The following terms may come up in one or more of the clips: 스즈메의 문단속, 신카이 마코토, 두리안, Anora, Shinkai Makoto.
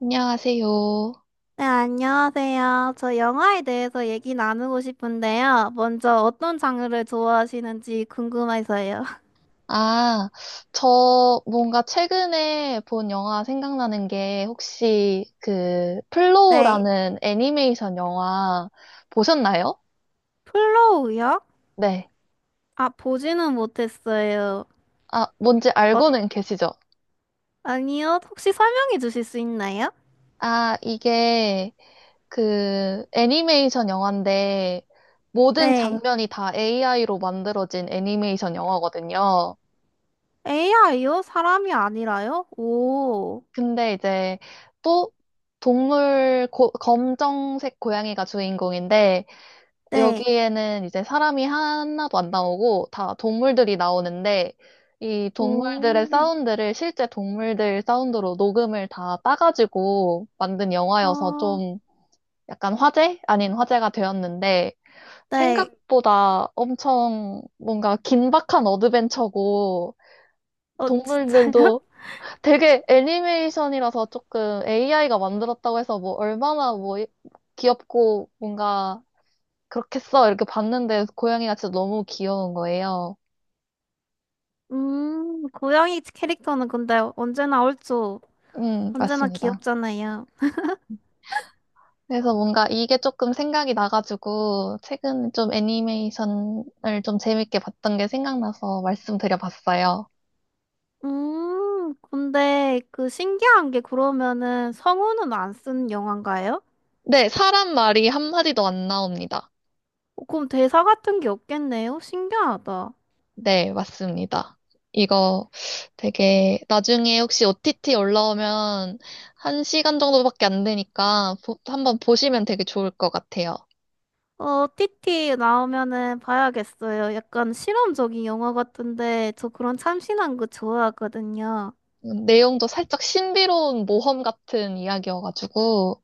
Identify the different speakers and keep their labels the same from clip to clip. Speaker 1: 안녕하세요.
Speaker 2: 네, 안녕하세요. 저 영화에 대해서 얘기 나누고 싶은데요. 먼저 어떤 장르를 좋아하시는지 궁금해서요.
Speaker 1: 아, 저 뭔가 최근에 본 영화 생각나는 게 혹시 그
Speaker 2: 네.
Speaker 1: 플로우라는 애니메이션 영화 보셨나요?
Speaker 2: 플로우요?
Speaker 1: 네.
Speaker 2: 아, 보지는 못했어요.
Speaker 1: 아, 뭔지
Speaker 2: 어,
Speaker 1: 알고는 계시죠?
Speaker 2: 아니요. 혹시 설명해 주실 수 있나요?
Speaker 1: 아, 이게 그 애니메이션 영화인데 모든
Speaker 2: 네.
Speaker 1: 장면이 다 AI로 만들어진 애니메이션 영화거든요.
Speaker 2: AI요? 사람이 아니라요? 오.
Speaker 1: 근데 이제 또 동물 검정색 고양이가 주인공인데
Speaker 2: 네.
Speaker 1: 여기에는 이제 사람이 하나도 안 나오고 다 동물들이 나오는데 이 동물들의
Speaker 2: 오.
Speaker 1: 사운드를 실제 동물들 사운드로 녹음을 다 따가지고 만든 영화여서
Speaker 2: 아,
Speaker 1: 좀 약간 화제? 아닌 화제가 되었는데
Speaker 2: 네.
Speaker 1: 생각보다 엄청 뭔가 긴박한 어드벤처고
Speaker 2: 어, 진짜요?
Speaker 1: 동물들도 되게 애니메이션이라서 조금 AI가 만들었다고 해서 뭐 얼마나 뭐 귀엽고 뭔가 그렇겠어. 이렇게 봤는데 고양이가 진짜 너무 귀여운 거예요.
Speaker 2: 고양이 캐릭터는 근데 언제나 얼죠. 언제나
Speaker 1: 맞습니다.
Speaker 2: 귀엽잖아요.
Speaker 1: 그래서 뭔가 이게 조금 생각이 나가지고 최근 좀 애니메이션을 좀 재밌게 봤던 게 생각나서 말씀드려봤어요.
Speaker 2: 근데 그 신기한 게 그러면은 성우는 안 쓴 영화인가요?
Speaker 1: 네, 사람 말이 한마디도 안 나옵니다.
Speaker 2: 어, 그럼 대사 같은 게 없겠네요? 신기하다.
Speaker 1: 네, 맞습니다. 이거 되게 나중에 혹시 OTT 올라오면 한 시간 정도밖에 안 되니까 한번 보시면 되게 좋을 것 같아요.
Speaker 2: 어, 티티 나오면은 봐야겠어요. 약간 실험적인 영화 같은데 저 그런 참신한 거 좋아하거든요.
Speaker 1: 내용도 살짝 신비로운 모험 같은 이야기여가지고,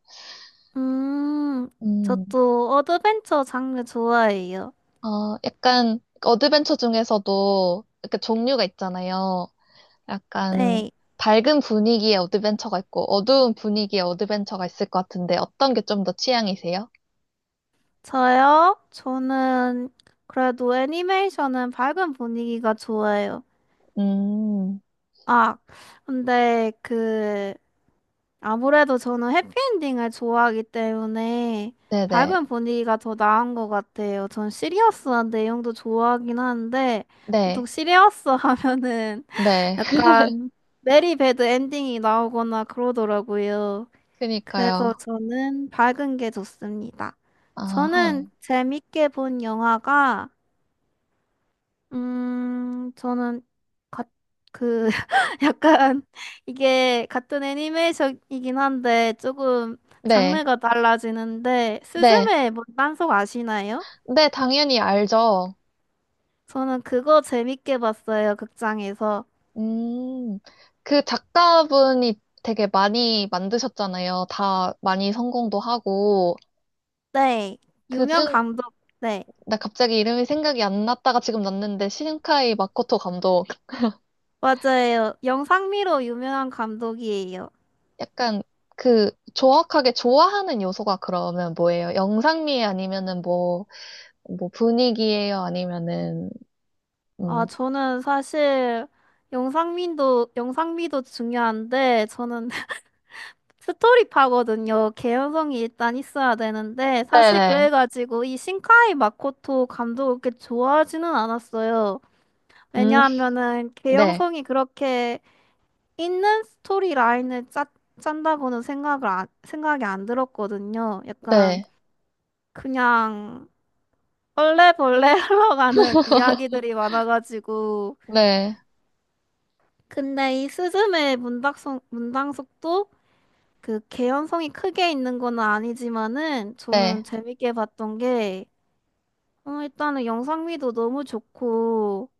Speaker 2: 음,
Speaker 1: 음,
Speaker 2: 저도 어드벤처 장르 좋아해요.
Speaker 1: 어, 약간 어드벤처 중에서도 이렇게 종류가 있잖아요. 약간
Speaker 2: 네,
Speaker 1: 밝은 분위기의 어드벤처가 있고, 어두운 분위기의 어드벤처가 있을 것 같은데, 어떤 게 좀 더 취향이세요?
Speaker 2: 저요? 저는 그래도 애니메이션은 밝은 분위기가 좋아요.
Speaker 1: 음,
Speaker 2: 아, 근데 그 아무래도 저는 해피엔딩을 좋아하기 때문에
Speaker 1: 네네.
Speaker 2: 밝은 분위기가 더 나은 것 같아요. 전 시리어스한 내용도 좋아하긴 하는데 보통
Speaker 1: 네,
Speaker 2: 시리어스 하면은
Speaker 1: 네.
Speaker 2: 약간 메리 배드 엔딩이 나오거나 그러더라고요. 그래서
Speaker 1: 그니까요.
Speaker 2: 저는 밝은 게 좋습니다.
Speaker 1: 아하.
Speaker 2: 저는 재밌게 본 영화가 저는 가, 그 약간 이게 같은 애니메이션이긴 한데 조금
Speaker 1: 네,
Speaker 2: 장르가 달라지는데
Speaker 1: 네.
Speaker 2: 스즈메 문단속 아시나요?
Speaker 1: 네, 당연히 알죠.
Speaker 2: 저는 그거 재밌게 봤어요, 극장에서.
Speaker 1: 음, 그 작가분이 되게 많이 만드셨잖아요. 다 많이 성공도 하고.
Speaker 2: 네, 유명
Speaker 1: 그중,
Speaker 2: 감독. 네,
Speaker 1: 나 갑자기 이름이 생각이 안 났다가 지금 났는데, 신카이 마코토 감독.
Speaker 2: 맞아요. 영상미로 유명한 감독이에요.
Speaker 1: 약간 그 정확하게 좋아하는 요소가 그러면 뭐예요? 영상미에 아니면은 뭐, 뭐 분위기예요? 아니면은,
Speaker 2: 아,
Speaker 1: 음.
Speaker 2: 저는 사실 영상미도 중요한데 저는 스토리파거든요. 개연성이 일단 있어야 되는데 사실
Speaker 1: 네네.
Speaker 2: 그래가지고 이 신카이 마코토 감독을 그렇게 좋아하지는 않았어요.
Speaker 1: 음,
Speaker 2: 왜냐하면은
Speaker 1: 네.
Speaker 2: 개연성이 그렇게 있는 스토리 라인을 짠다고는 생각을 안, 생각이 안 들었거든요. 약간
Speaker 1: 네.
Speaker 2: 그냥 얼레벌레 흘러가는 이야기들이 많아가지고
Speaker 1: 네.
Speaker 2: 근데 이 스즈메의 문당속도 그 개연성이 크게 있는 건 아니지만은
Speaker 1: 네.
Speaker 2: 저는 재밌게 봤던 게 어, 일단은 영상미도 너무 좋고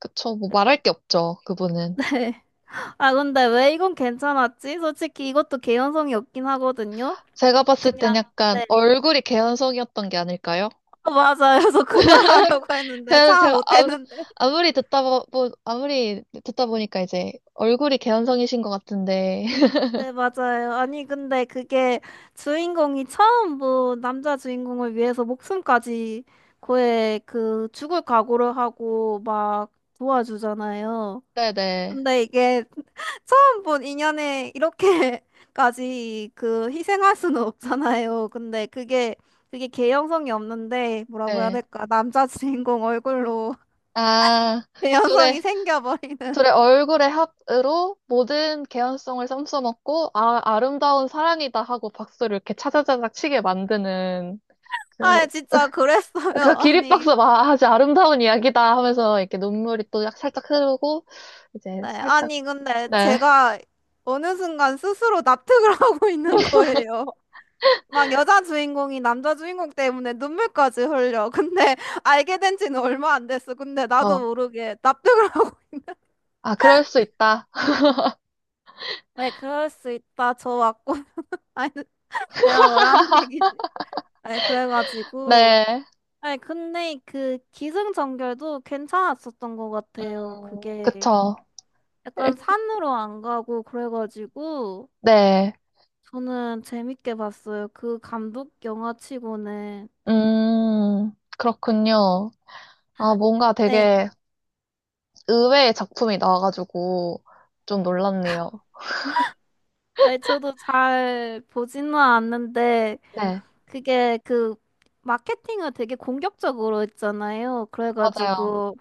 Speaker 1: 그쵸. 뭐 말할 게 없죠. 그분은.
Speaker 2: 네. 아 근데 왜 이건 괜찮았지? 솔직히 이것도 개연성이 없긴 하거든요.
Speaker 1: 제가 봤을 땐
Speaker 2: 그냥
Speaker 1: 약간
Speaker 2: 네.
Speaker 1: 얼굴이 개연성이었던 게 아닐까요?
Speaker 2: 어, 맞아요. 그래서 그 말하려고 했는데
Speaker 1: 제가,
Speaker 2: 참
Speaker 1: 제가 아,
Speaker 2: 못했는데.
Speaker 1: 아무리 듣다 아무리 듣다 보니까 이제 얼굴이 개연성이신 것 같은데.
Speaker 2: 네, 맞아요. 아니 근데 그게 주인공이 처음 뭐 남자 주인공을 위해서 목숨까지 거의 그 죽을 각오를 하고 막 도와주잖아요.
Speaker 1: 네네.
Speaker 2: 근데 이게 처음 본 인연에 이렇게까지 그 희생할 수는 없잖아요. 근데 그게 개연성이 없는데 뭐라고 해야
Speaker 1: 네.
Speaker 2: 될까? 남자 주인공 얼굴로
Speaker 1: 아,
Speaker 2: 개연성이
Speaker 1: 둘의,
Speaker 2: 생겨버리는.
Speaker 1: 둘의 얼굴의 합으로 모든 개연성을 썸써먹고, 아, 아름다운 사랑이다 하고 박수를 이렇게 차자자작 치게 만드는,
Speaker 2: 아,
Speaker 1: 그런,
Speaker 2: 진짜 그랬어요.
Speaker 1: 그
Speaker 2: 아니,
Speaker 1: 기립박수 막 아주 아름다운 이야기다 하면서 이렇게 눈물이 또 살짝 흐르고, 이제
Speaker 2: 네,
Speaker 1: 살짝,
Speaker 2: 아니 근데
Speaker 1: 네.
Speaker 2: 제가 어느 순간 스스로 납득을 하고 있는 거예요. 막 여자 주인공이 남자 주인공 때문에 눈물까지 흘려. 근데 알게 된 지는 얼마 안 됐어. 근데 나도
Speaker 1: 어.
Speaker 2: 모르게 납득을 하고
Speaker 1: 아, 그럴 수 있다.
Speaker 2: 네, 그럴 수 있다. 저 맞고. 아니, 내가 뭐라는 얘기지? 아니, 그래가지고.
Speaker 1: 네.
Speaker 2: 아니, 근데 그 기승전결도 괜찮았었던 것 같아요.
Speaker 1: 음,
Speaker 2: 그게
Speaker 1: 그쵸.
Speaker 2: 약간 산으로 안 가고 그래가지고
Speaker 1: 네.
Speaker 2: 저는 재밌게 봤어요. 그 감독 영화 치고는.
Speaker 1: 그렇군요. 아, 뭔가
Speaker 2: 네.
Speaker 1: 되게 의외의 작품이 나와가지고 좀 놀랐네요.
Speaker 2: 아니, 저도 잘 보지는 않는데
Speaker 1: 네,
Speaker 2: 그게 그 마케팅을 되게 공격적으로 했잖아요.
Speaker 1: 맞아요.
Speaker 2: 그래가지고.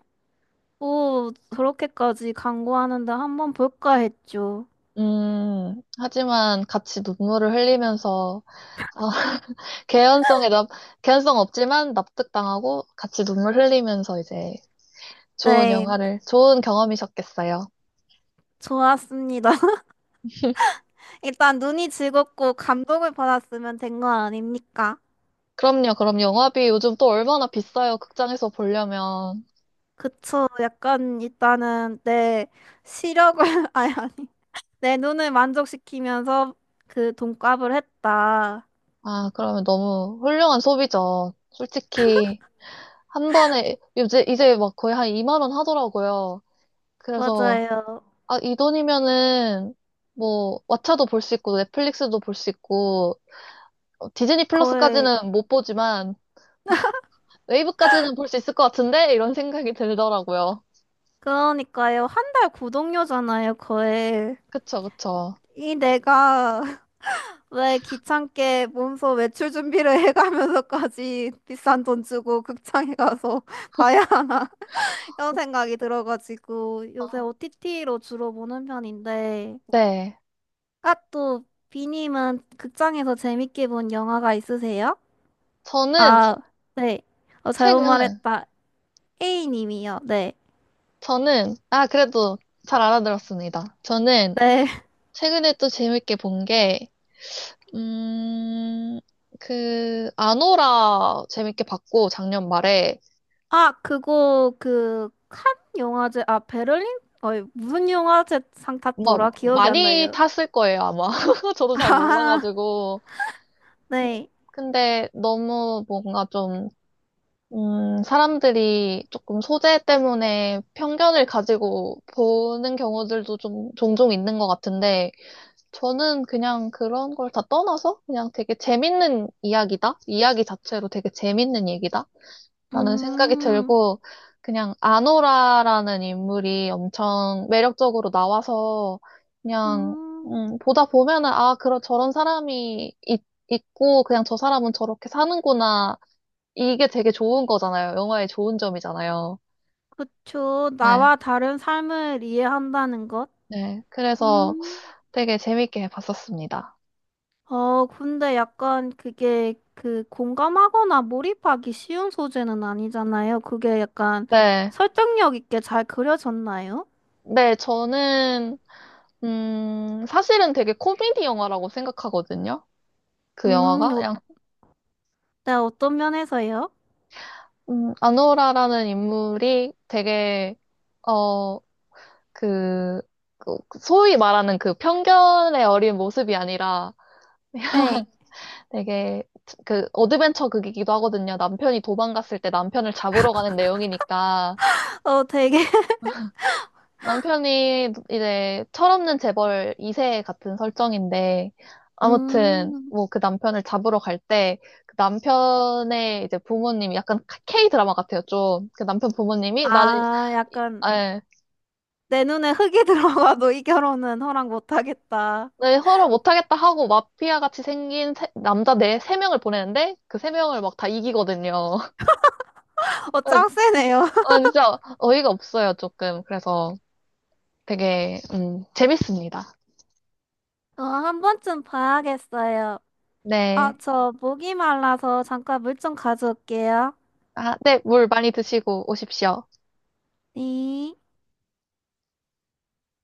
Speaker 2: 오, 그렇게까지 광고하는데 한번 볼까 했죠.
Speaker 1: 하지만 같이 눈물을 흘리면서, 아, 개연성에 납, 개연성 없지만 납득당하고 같이 눈물 흘리면서 이제 좋은
Speaker 2: 네,
Speaker 1: 영화를, 좋은 경험이셨겠어요.
Speaker 2: 좋았습니다. 일단 눈이 즐겁고 감동을 받았으면 된 거 아닙니까?
Speaker 1: 그럼요, 그럼 영화비 요즘 또 얼마나 비싸요, 극장에서 보려면.
Speaker 2: 그쵸. 약간 일단은 내 시력을, 아니, 아니. 내 눈을 만족시키면서 그 돈값을 했다.
Speaker 1: 아, 그러면 너무 훌륭한 소비죠. 솔직히, 한 번에, 이제 막 거의 한 2만 원 하더라고요. 그래서,
Speaker 2: 맞아요.
Speaker 1: 아, 이 돈이면은, 뭐, 왓챠도 볼 수 있고, 넷플릭스도 볼 수 있고, 어, 디즈니
Speaker 2: 거의.
Speaker 1: 플러스까지는 못 보지만, 웨이브까지는 볼 수 있을 것 같은데? 이런 생각이 들더라고요.
Speaker 2: 그러니까요. 한 달 구독료잖아요, 거의.
Speaker 1: 그쵸, 그쵸.
Speaker 2: 이 내가 왜 귀찮게 몸소 외출 준비를 해가면서까지 비싼 돈 주고 극장에 가서 봐야 하나 이런 생각이 들어가지고 요새
Speaker 1: 아,
Speaker 2: OTT로 주로 보는 편인데
Speaker 1: 네.
Speaker 2: 아 또 비님은 극장에서 재밌게 본 영화가 있으세요?
Speaker 1: 저는,
Speaker 2: 아, 네. 어, 잘못
Speaker 1: 최근,
Speaker 2: 말했다. A님이요. 네.
Speaker 1: 저는, 아, 그래도 잘 알아들었습니다. 저는
Speaker 2: 네.
Speaker 1: 최근에 또 재밌게 본 게, 음, 그, 아노라 재밌게 봤고, 작년 말에.
Speaker 2: 아, 그거 그 칸 영화제 아 베를린? 어이 무슨 영화제 상 탔더라?
Speaker 1: 뭐,
Speaker 2: 기억이 안
Speaker 1: 많이
Speaker 2: 나요.
Speaker 1: 탔을 거예요, 아마. 저도 잘
Speaker 2: 아,
Speaker 1: 몰라가지고.
Speaker 2: 네.
Speaker 1: 근데 너무 뭔가 좀, 사람들이 조금 소재 때문에 편견을 가지고 보는 경우들도 좀 종종 있는 것 같은데, 저는 그냥 그런 걸 다 떠나서 그냥 되게 재밌는 이야기다? 이야기 자체로 되게 재밌는 얘기다? 라는 생각이
Speaker 2: 음,
Speaker 1: 들고, 그냥 아노라라는 인물이 엄청 매력적으로 나와서, 그냥,
Speaker 2: 음,
Speaker 1: 보다 보면은, 아, 그런, 저런 사람이 있고, 그냥 저 사람은 저렇게 사는구나. 이게 되게 좋은 거잖아요. 영화의 좋은 점이잖아요.
Speaker 2: 그쵸.
Speaker 1: 네,
Speaker 2: 나와 다른 삶을 이해한다는 것?
Speaker 1: 네. 그래서
Speaker 2: 음,
Speaker 1: 되게 재밌게 봤었습니다.
Speaker 2: 어, 근데 약간 그게 그 공감하거나 몰입하기 쉬운 소재는 아니잖아요. 그게 약간
Speaker 1: 네,
Speaker 2: 설득력 있게 잘 그려졌나요?
Speaker 1: 네, 저는, 사실은 되게 코미디 영화라고 생각하거든요. 그 영화가.
Speaker 2: 어,
Speaker 1: 그냥
Speaker 2: 네, 어떤 면에서요?
Speaker 1: 아노라라는 인물이 되게, 어, 그, 그 소위 말하는 그 편견에 어린 모습이 아니라
Speaker 2: 네,
Speaker 1: 되게 그 어드벤처 극이기도 하거든요. 남편이 도망갔을 때 남편을 잡으러 가는 내용이니까
Speaker 2: 어, 되게,
Speaker 1: 남편이 이제 철없는 재벌 2세 같은 설정인데 아무튼
Speaker 2: 음,
Speaker 1: 뭐 그 남편을 잡으러 갈 때 그 남편의 이제 부모님이 약간 K 드라마 같아요, 좀. 그 남편 부모님이 나는
Speaker 2: 아, 약간
Speaker 1: 예,
Speaker 2: 내 눈에 흙이 들어가도 이 결혼은 허락 못하겠다.
Speaker 1: 네, 서로 못하겠다 하고 마피아 같이 생긴 남자 네, 세 명을 보내는데 그 세 명을 막 다 이기거든요.
Speaker 2: 어,
Speaker 1: 아,
Speaker 2: 짱 세네요.
Speaker 1: 아, 진짜 어이가 없어요, 조금. 그래서 되게, 재밌습니다.
Speaker 2: 어, 한 번쯤 봐야겠어요. 아,
Speaker 1: 네.
Speaker 2: 저 목이 말라서 잠깐 물 좀 가져올게요.
Speaker 1: 아, 네, 물 많이 드시고 오십시오.
Speaker 2: 네.